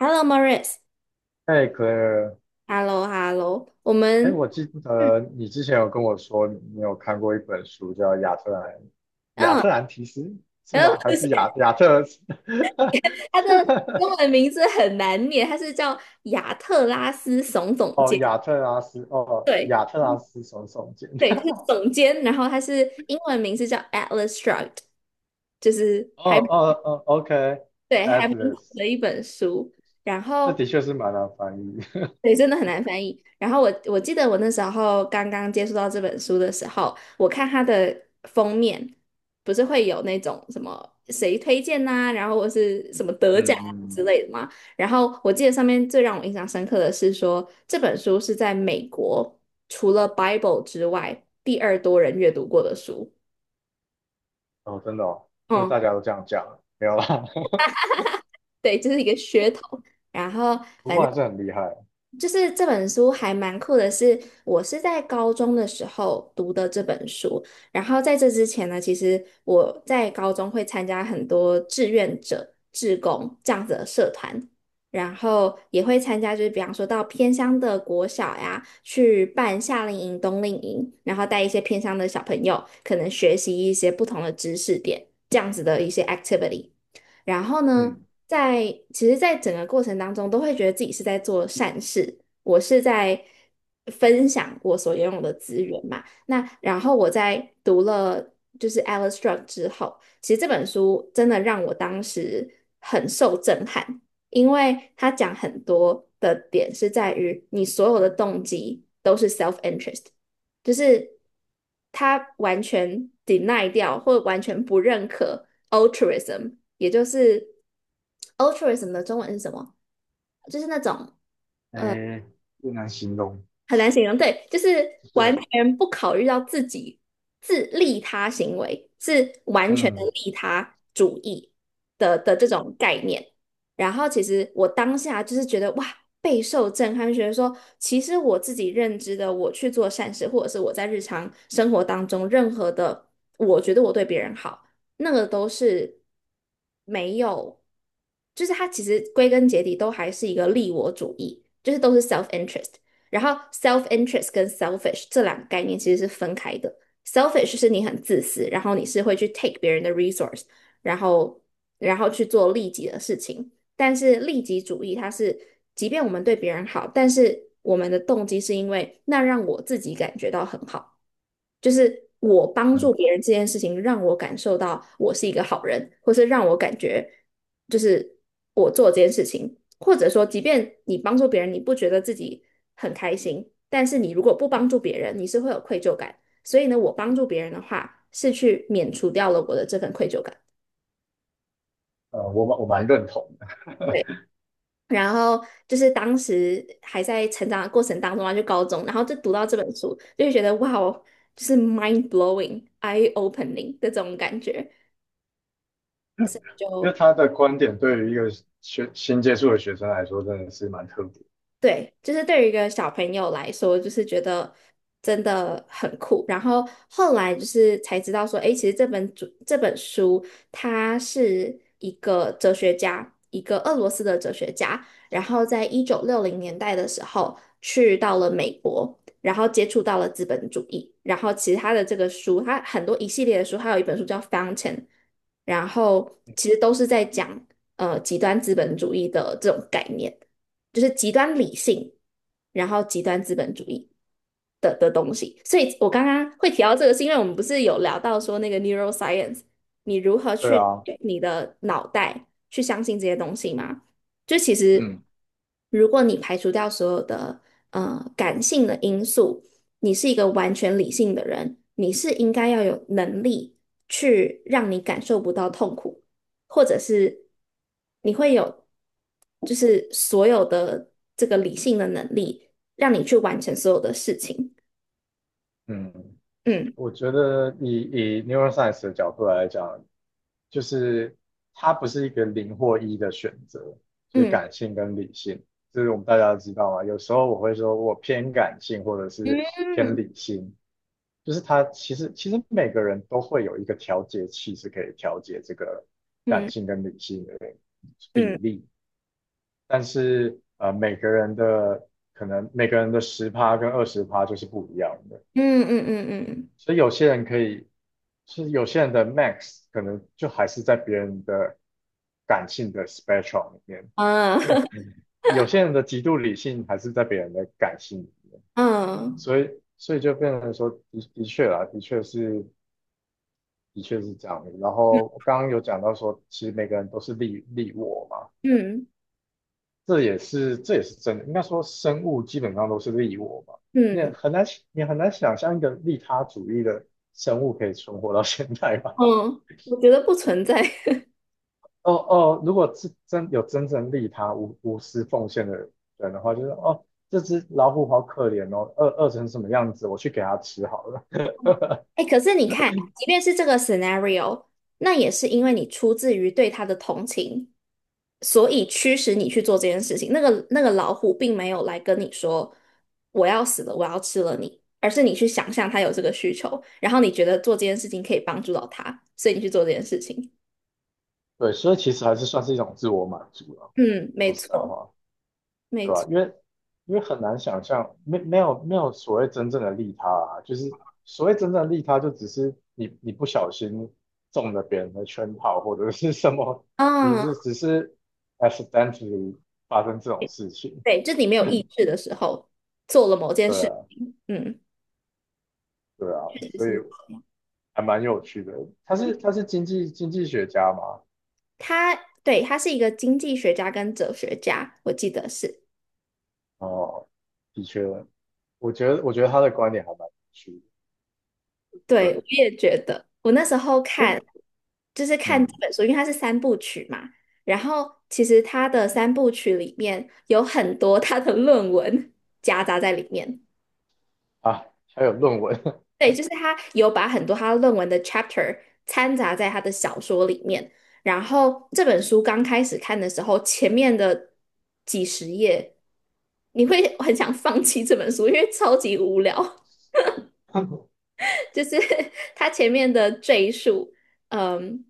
Hello, Maurice。哎 c l a r Hello, Hello。我哎，们，我记嗯，得你之前有跟我说你有看过一本书叫《亚特兰亚嗯，特兰提斯》是然后吗？还不是 是亚特？他的中文 名字很难念，他是叫亚特拉斯耸总哦，监。亚特拉斯，哦，对，亚特拉斯耸耸肩。对，他是总监。然后他是英文名字叫《Atlas Shrugged》，就是 哦还哦哦对还蛮好，OK，Atlas，的一本书。然这的后确是蛮难翻译。对，真的很难翻译。然后我记得我那时候刚刚接触到这本书的时候，我看它的封面，不是会有那种什么谁推荐呐、然后或是什么 得奖嗯啊之嗯，类的嘛。然后我记得上面最让我印象深刻的是说，这本书是在美国除了 Bible 之外第二多人阅读过的书。哦，真的哦，是不是嗯，大家都这样讲？没有啦，对，这是一个噱头。然后。不反过正。还是很厉害。就是这本书还蛮酷的是，我是在高中的时候读的这本书。然后在这之前呢，其实我在高中会参加很多志愿者、志工这样子的社团，然后也会参加，就是比方说到偏乡的国小呀，去办夏令营、冬令营，然后带一些偏乡的小朋友，可能学习一些不同的知识点，这样子的一些 activity。然后呢，嗯，在其实，在整个过程当中，都会觉得自己是在做善事，我是在分享我所拥有的资源嘛。那然后我在读了就是 Alice Strock 之后，其实这本书真的让我当时很受震撼，因为他讲很多的点是在于你所有的动机都是 self interest。就是他完全 deny 掉或完全不认可 altruism，也就是 altruism 的中文是什么？就是那种。呃。哎，不难形容。很难形容，对，就是对，完全不考虑到自己自利他行为，是完全的嗯。利他主义的这种概念。然后其实我当下就是觉得哇，备受震撼，觉得说其实我自己认知的，我去做善事，或者是我在日常生活当中任何的，我觉得我对别人好，那个都是没有，就是它其实归根结底都还是一个利我主义，就是都是 self interest。然后 self interest 跟 selfish 这两个概念其实是分开的。selfish 是你很自私，然后你是会去 take 别人的 resource，然后然后去做利己的事情。但是利己主义它是，即便我们对别人好，但是我们的动机是因为那让我自己感觉到很好。就是我帮助别人这件事情，让我感受到我是一个好人，或是让我感觉就是我做这件事情，或者说，即便你帮助别人，你不觉得自己很开心，但是你如果不帮助别人，你是会有愧疚感。所以呢，我帮助别人的话，是去免除掉了我的这份愧疚感。我蛮认同的，对，然后就是当时还在成长的过程当中啊，就高中，然后就读到这本书，就会觉得哇哦，就是 mind blowing、eye opening 的这种感觉。所以 因为就他的观点对于一个学新接触的学生来说，真的是蛮特别。对，就是对于一个小朋友来说，就是觉得真的很酷。然后后来就是才知道说，诶，其实这本书，它是一个哲学家，一个俄罗斯的哲学家，然后在1960年代的时候去到了美国。然后接触到了资本主义，然后其实他的这个书，他很多一系列的书，还有一本书叫《Fountain》，然后其实都是在讲极端资本主义的这种概念。就是极端理性，然后极端资本主义的东西。所以我刚刚会提到这个，是因为我们不是有聊到说那个 neuroscience，你如何对去啊，你的脑袋去相信这些东西吗？就其实，嗯如果你排除掉所有的感性的因素，你是一个完全理性的人，你是应该要有能力去让你感受不到痛苦。或者是你会有，就是所有的这个理性的能力，让你去完成所有的事情。嗯嗯我觉得以 neuroscience 的角度来讲，就是它不是一个零或一的选择，就是嗯感性跟理性，这是我们大家都知道嘛。有时候我会说我偏感性或者是偏嗯理性，就是他其实每个人都会有一个调节器，是可以调节这个感嗯性跟理性的比嗯例，但是每个人的可能每个人的十趴跟20%就是不一样的，嗯嗯嗯嗯所以有些人可以，是有些人的 max 可能就还是在别人的感性的 spectrum 里面，啊 有些人的极度理性还是在别人的感性里面，嗯所以就变成说的确啦，的确是。的确是这样的。然后刚刚有讲到说，其实每个人都是利我嘛，嗯这也是真的。应该说，生物基本上都是利我嘛，你嗯很难你很难想象一个利他主义的生物可以存活到现在吧？嗯，我觉得不存在。哦哦，如果是真有真正利他无私奉献的人的话，就是哦，这只老虎好可怜哦，饿成什么样子，我去给它吃好了。哎，可是你看，即便是这个 scenario，那也是因为你出自于对他的同情。所以驱使你去做这件事情。那个老虎并没有来跟你说我要死了，我要吃了你，而是你去想象它有这个需求，然后你觉得做这件事情可以帮助到它，所以你去做这件事情。对，所以其实还是算是一种自我满足了、嗯，说没实在错，话。没对吧？错。因为很难想象，没有所谓真正的利他啊，就是所谓真正的利他，就只是你不小心中了别人的圈套或者是什么，啊，只是 accidentally 发生这种事情，对，就是你没有意志的时候做了某件对啊，事。嗯，对啊，确实所以是。还蛮有趣的。他是经济学家嘛，他，对，他是一个经济学家跟哲学家，我记得是。哦，的确，我觉得他的观点还蛮有趣的，对，我对，也觉得，我那时候 因为就是看这嗯本书，因为它是三部曲嘛，然后其实它的三部曲里面有很多 他的论文夹杂在里面，啊，还有论文，对，就是他有把很多他论文的 chapter 掺杂在他的小说里面，然后这本书刚开始看的时候，前面的几十页你会很想放弃这本书，因为超级无聊。就是他前面的赘述，嗯，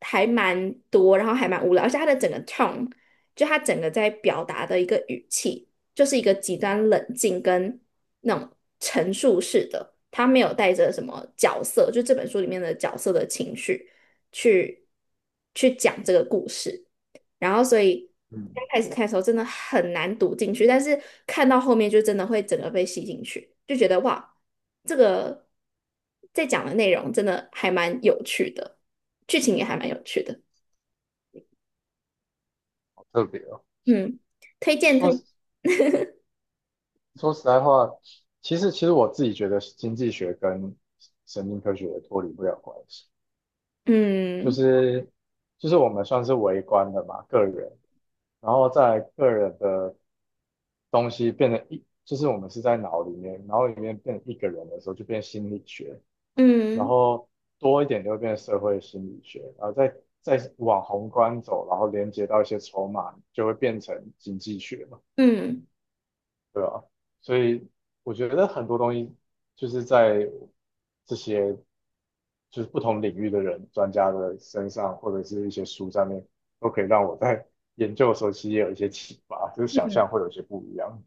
还蛮多，然后还蛮无聊，而且他的整个 tone，就他整个在表达的一个语气，就是一个极端冷静跟那种陈述式的，他没有带着什么角色，就这本书里面的角色的情绪去去讲这个故事。然后所以刚嗯，开始看的时候真的很难读进去，但是看到后面就真的会整个被吸进去，就觉得哇，这个在讲的内容真的还蛮有趣的，剧情也还蛮有趣的，好特别哦。嗯，推荐说推，实说实在话，其实我自己觉得经济学跟神经科学脱离不了关系，就嗯是就是我们算是微观的嘛，个人，然后在个人的东西变成一，就是我们是在脑里面，脑里面变成一个人的时候就变心理学，然嗯后多一点就会变社会心理学，然后再往宏观走，然后连接到一些筹码，就会变成经济学嘛。嗯对啊，所以我觉得很多东西就是在这些就是不同领域的人、专家的身上，或者是一些书上面，都可以让我在 研究的时候其实也有一些启发，就是想象会有一些不一样。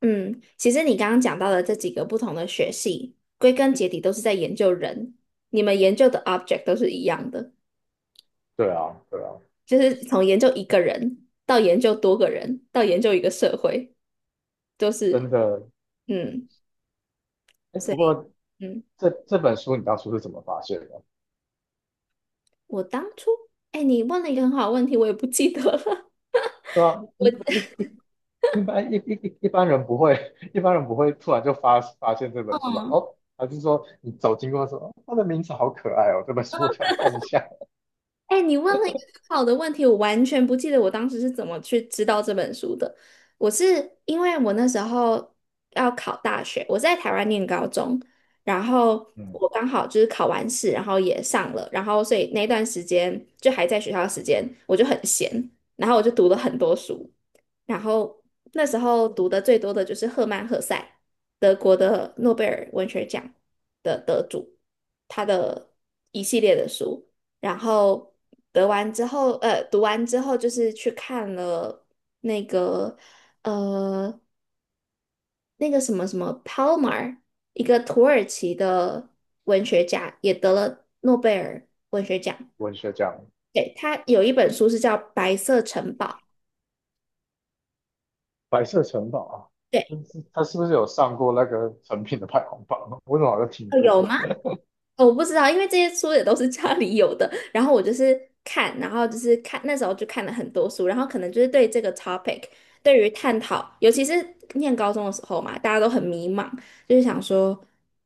嗯，其实你刚刚讲到的这几个不同的学系，归根结底都是在研究人，你们研究的 object 都是一样的，对啊，对啊，就是从研究一个人到研究多个人，到研究一个社会。都真是的。嗯，哎，所不过以嗯，这本书你当初是怎么发现的？我当初哎，你问了一个很好的问题，我也不记得了。对啊，一我一一一般一一一一般人不会，一般人不会突然就发现这本书吧？哦，还是说你走经过说，哦它的名字好可爱哦，这本书我想看一下。哎，你问了一个很好的问题，我完全不记得我当时是怎么去知道这本书的。我是因为我那时候要考大学，我是在台湾念高中，然后我嗯。刚好就是考完试，然后也上了，然后所以那段时间就还在学校的时间，我就很闲，然后我就读了很多书，然后那时候读的最多的就是赫曼·赫塞，德国的诺贝尔文学奖的得主，他的一系列的书。然后得完之后，呃，读完之后就是去看了那个呃那个什么什么 Palmer，一个土耳其的文学家，也得了诺贝尔文学奖。文学奖对，他有一本书是叫《白色城堡》。《白色城堡》啊，对，他是不是有上过那个成品的排行榜？我怎么好像听哦有过？吗？哦，我不知道，因为这些书也都是家里有的，然后我就是看，然后就是看，那时候就看了很多书，然后可能就是对这个 topic，对于探讨，尤其是念高中的时候嘛，大家都很迷茫，就是想说，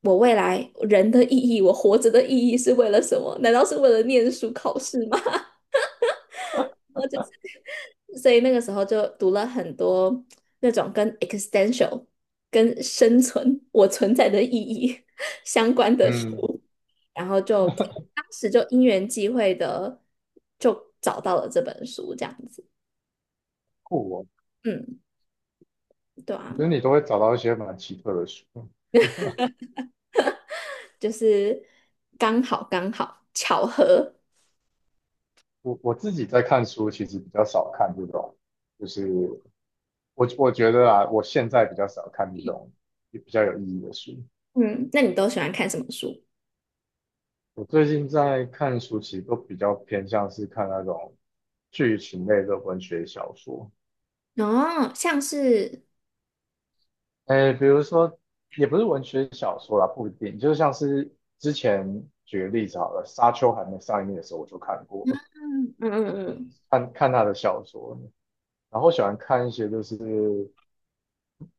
我未来人的意义，我活着的意义是为了什么？难道是为了念书考试吗？所以那个时候就读了很多那种跟 existential、跟生存、我存在的意义 相关的嗯，书，然后就当时就因缘际会的就找到了这本书，这样子。酷哦。嗯，对我啊，觉得你都会找到一些蛮奇特的书。就是刚好巧合。我自己在看书，其实比较少看这种，就是我觉得啊，我现在比较少看这种比较有意义的书。嗯，那你都喜欢看什么书？我最近在看书，其实都比较偏向是看那种剧情类的文学小说。哦，像是哎，比如说，也不是文学小说啦，不一定，就像是之前举个例子好了，《沙丘》还没上映的时候我就看过，嗯，嗯，看看他的小说，然后喜欢看一些就是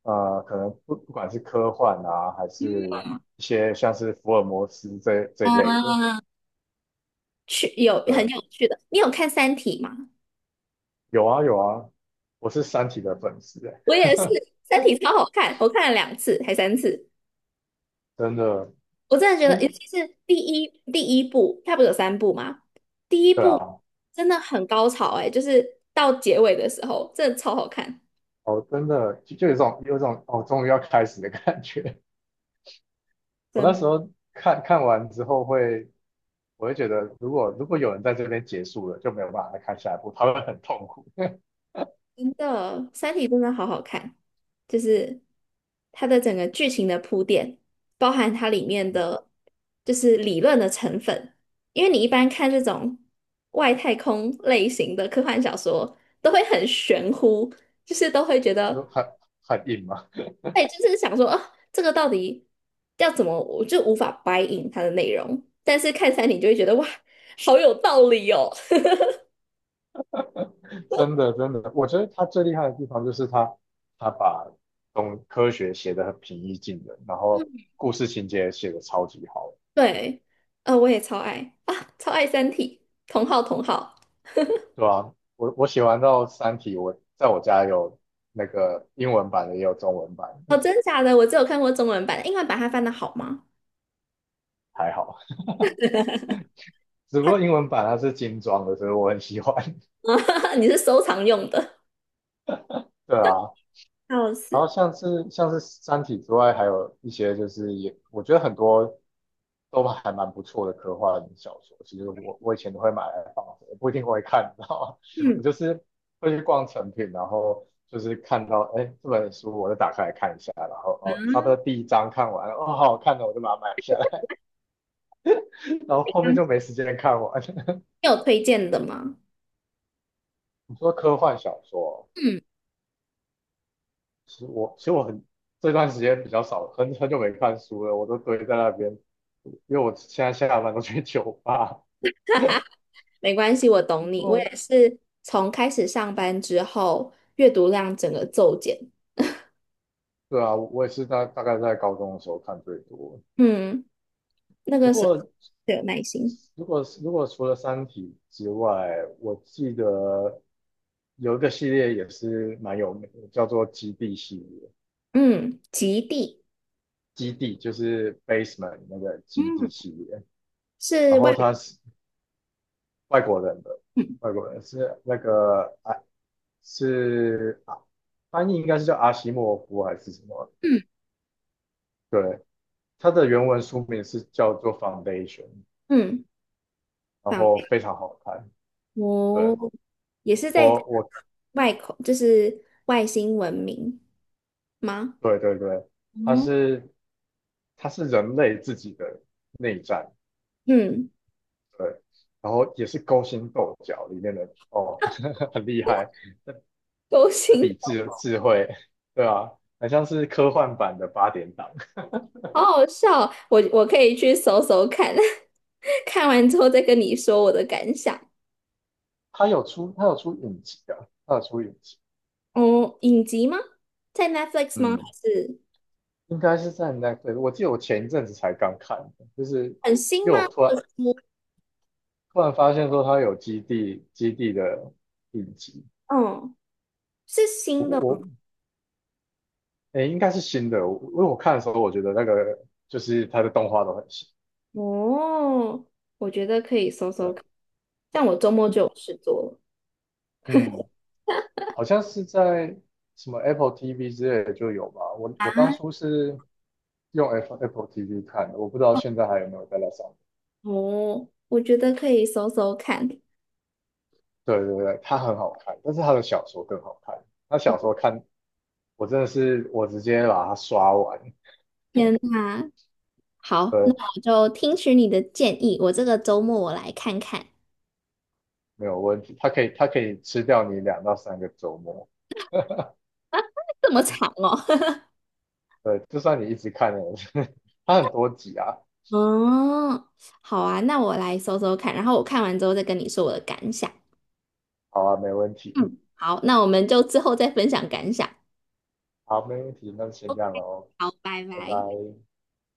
可能不管是科幻啊，还是一些像是福尔摩斯这类的，去有很对，有趣的，你有看《三体》吗？有啊有啊，我是《三体》的粉丝欸，我也是，《三体》超好看，我看了两次还三次，真的，我真的觉得，哎，尤其是第一部，它不是有三部吗？第一对部啊，真的很高潮哎、就是到结尾的时候，真的超好看，哦，真的就有一种哦，终于要开始的感觉，我那真时候看完之后会，我会觉得，如果有人在这边结束了，就没有办法再看下一部，他会很痛苦，真的，《三体》真的好好看，就是它的整个剧情的铺垫，包含它里面的就是理论的成分，因为你一般看这种外太空类型的科幻小说，都会很玄乎，就是都会觉就得。很硬嘛，对，就是想说，啊，这个到底要怎么，我就无法 buy in 它的内容。但是看餐厅就会觉得，哇，好有道理哦。真的真的，我觉得他最厉害的地方就是他把东科学写得很平易近人，然后故事情节也写得超级好，对，我也超爱啊，超爱《三体》，同号同号。对啊，我写完到《三体》，我在我家有那个英文版的，也有中文版，哦，真假的，我只有看过中文版的，英文版它翻的好吗？还好，只不它 过英文版它是精装的，所以我很喜欢，你是收藏用的，对啊，笑然后死。像是《三体》之外，还有一些就是也我觉得很多都还蛮不错的科幻小说。其实我以前都会买来放着，不一定会看，你知道吗？我嗯，就是会去逛成品，然后就是看到哎这本书，我就打开来看一下，然后哦差不多第一章看完了，哦好好看的，我就把它买下来，然后后面就没时间看完。你有推荐的吗？你说科幻小说哦？嗯，其实我很这段时间比较少，很久没看书了，我都堆在那边，因为我现在下班都去酒吧 没关系，我懂你。我哦也是从开始上班之后，阅读量整个骤减。对啊，我也是大概在高中的时候看最多。嗯，那不个时候过，最有耐心。如果除了《三体》之外，我记得有一个系列也是蛮有名的，叫做《基地》系列。嗯，极地基地就是 Basement 那个基地嗯系列，是然外，后它是外国人的，嗯外国人是那个是啊翻译应该是叫阿西莫夫还是什么？嗯对，它的原文书名是叫做《Foundation》，嗯，然访后非常好看。哦，对，也是在我外口，就是外星文明吗？对对对，它哦，是它是人类自己的内战，嗯，对，然后也是勾心斗角里面的哦，很厉害，勾这心，比智慧，对啊，很像是科幻版的八点档。好好笑，我可以去搜搜看，看完之后再跟你说我的感想。它有出影集啊，它有出影集，哦，影集吗？在 Netflix 吗？还嗯。是应该是在 Netflix。我记得我前一阵子才刚看的，就是很新因为吗？我突然或者是突然发现说它有基地的影集，哦，是我新的吗我诶、应该是新的，因为我看的时候我觉得那个就是它的动画都很新，哦，我觉得可以搜搜对，看，但我周末就有事做了。嗯，好像是在什么 Apple TV 之类的就有吧。我当初是用 Apple TV 看的，我不知道现在还有没有在那上面。哦，我觉得可以搜搜看。对对对，它很好看，但是他的小说更好看。他小说看我真的是直接把它刷完，天呐，好，那对，我就听取你的建议，我这个周末我来看看。没有问题。它可以吃掉你2到3个周末，啊，这么长哦。对，就算你一直看了，它很多集啊。哦，好啊，那我来搜搜看，然后我看完之后再跟你说我的感想。好啊，没问题，嗯，好，那我们就之后再分享感想。好，没问题，那就先 OK，这样喽，好，拜拜拜。拜。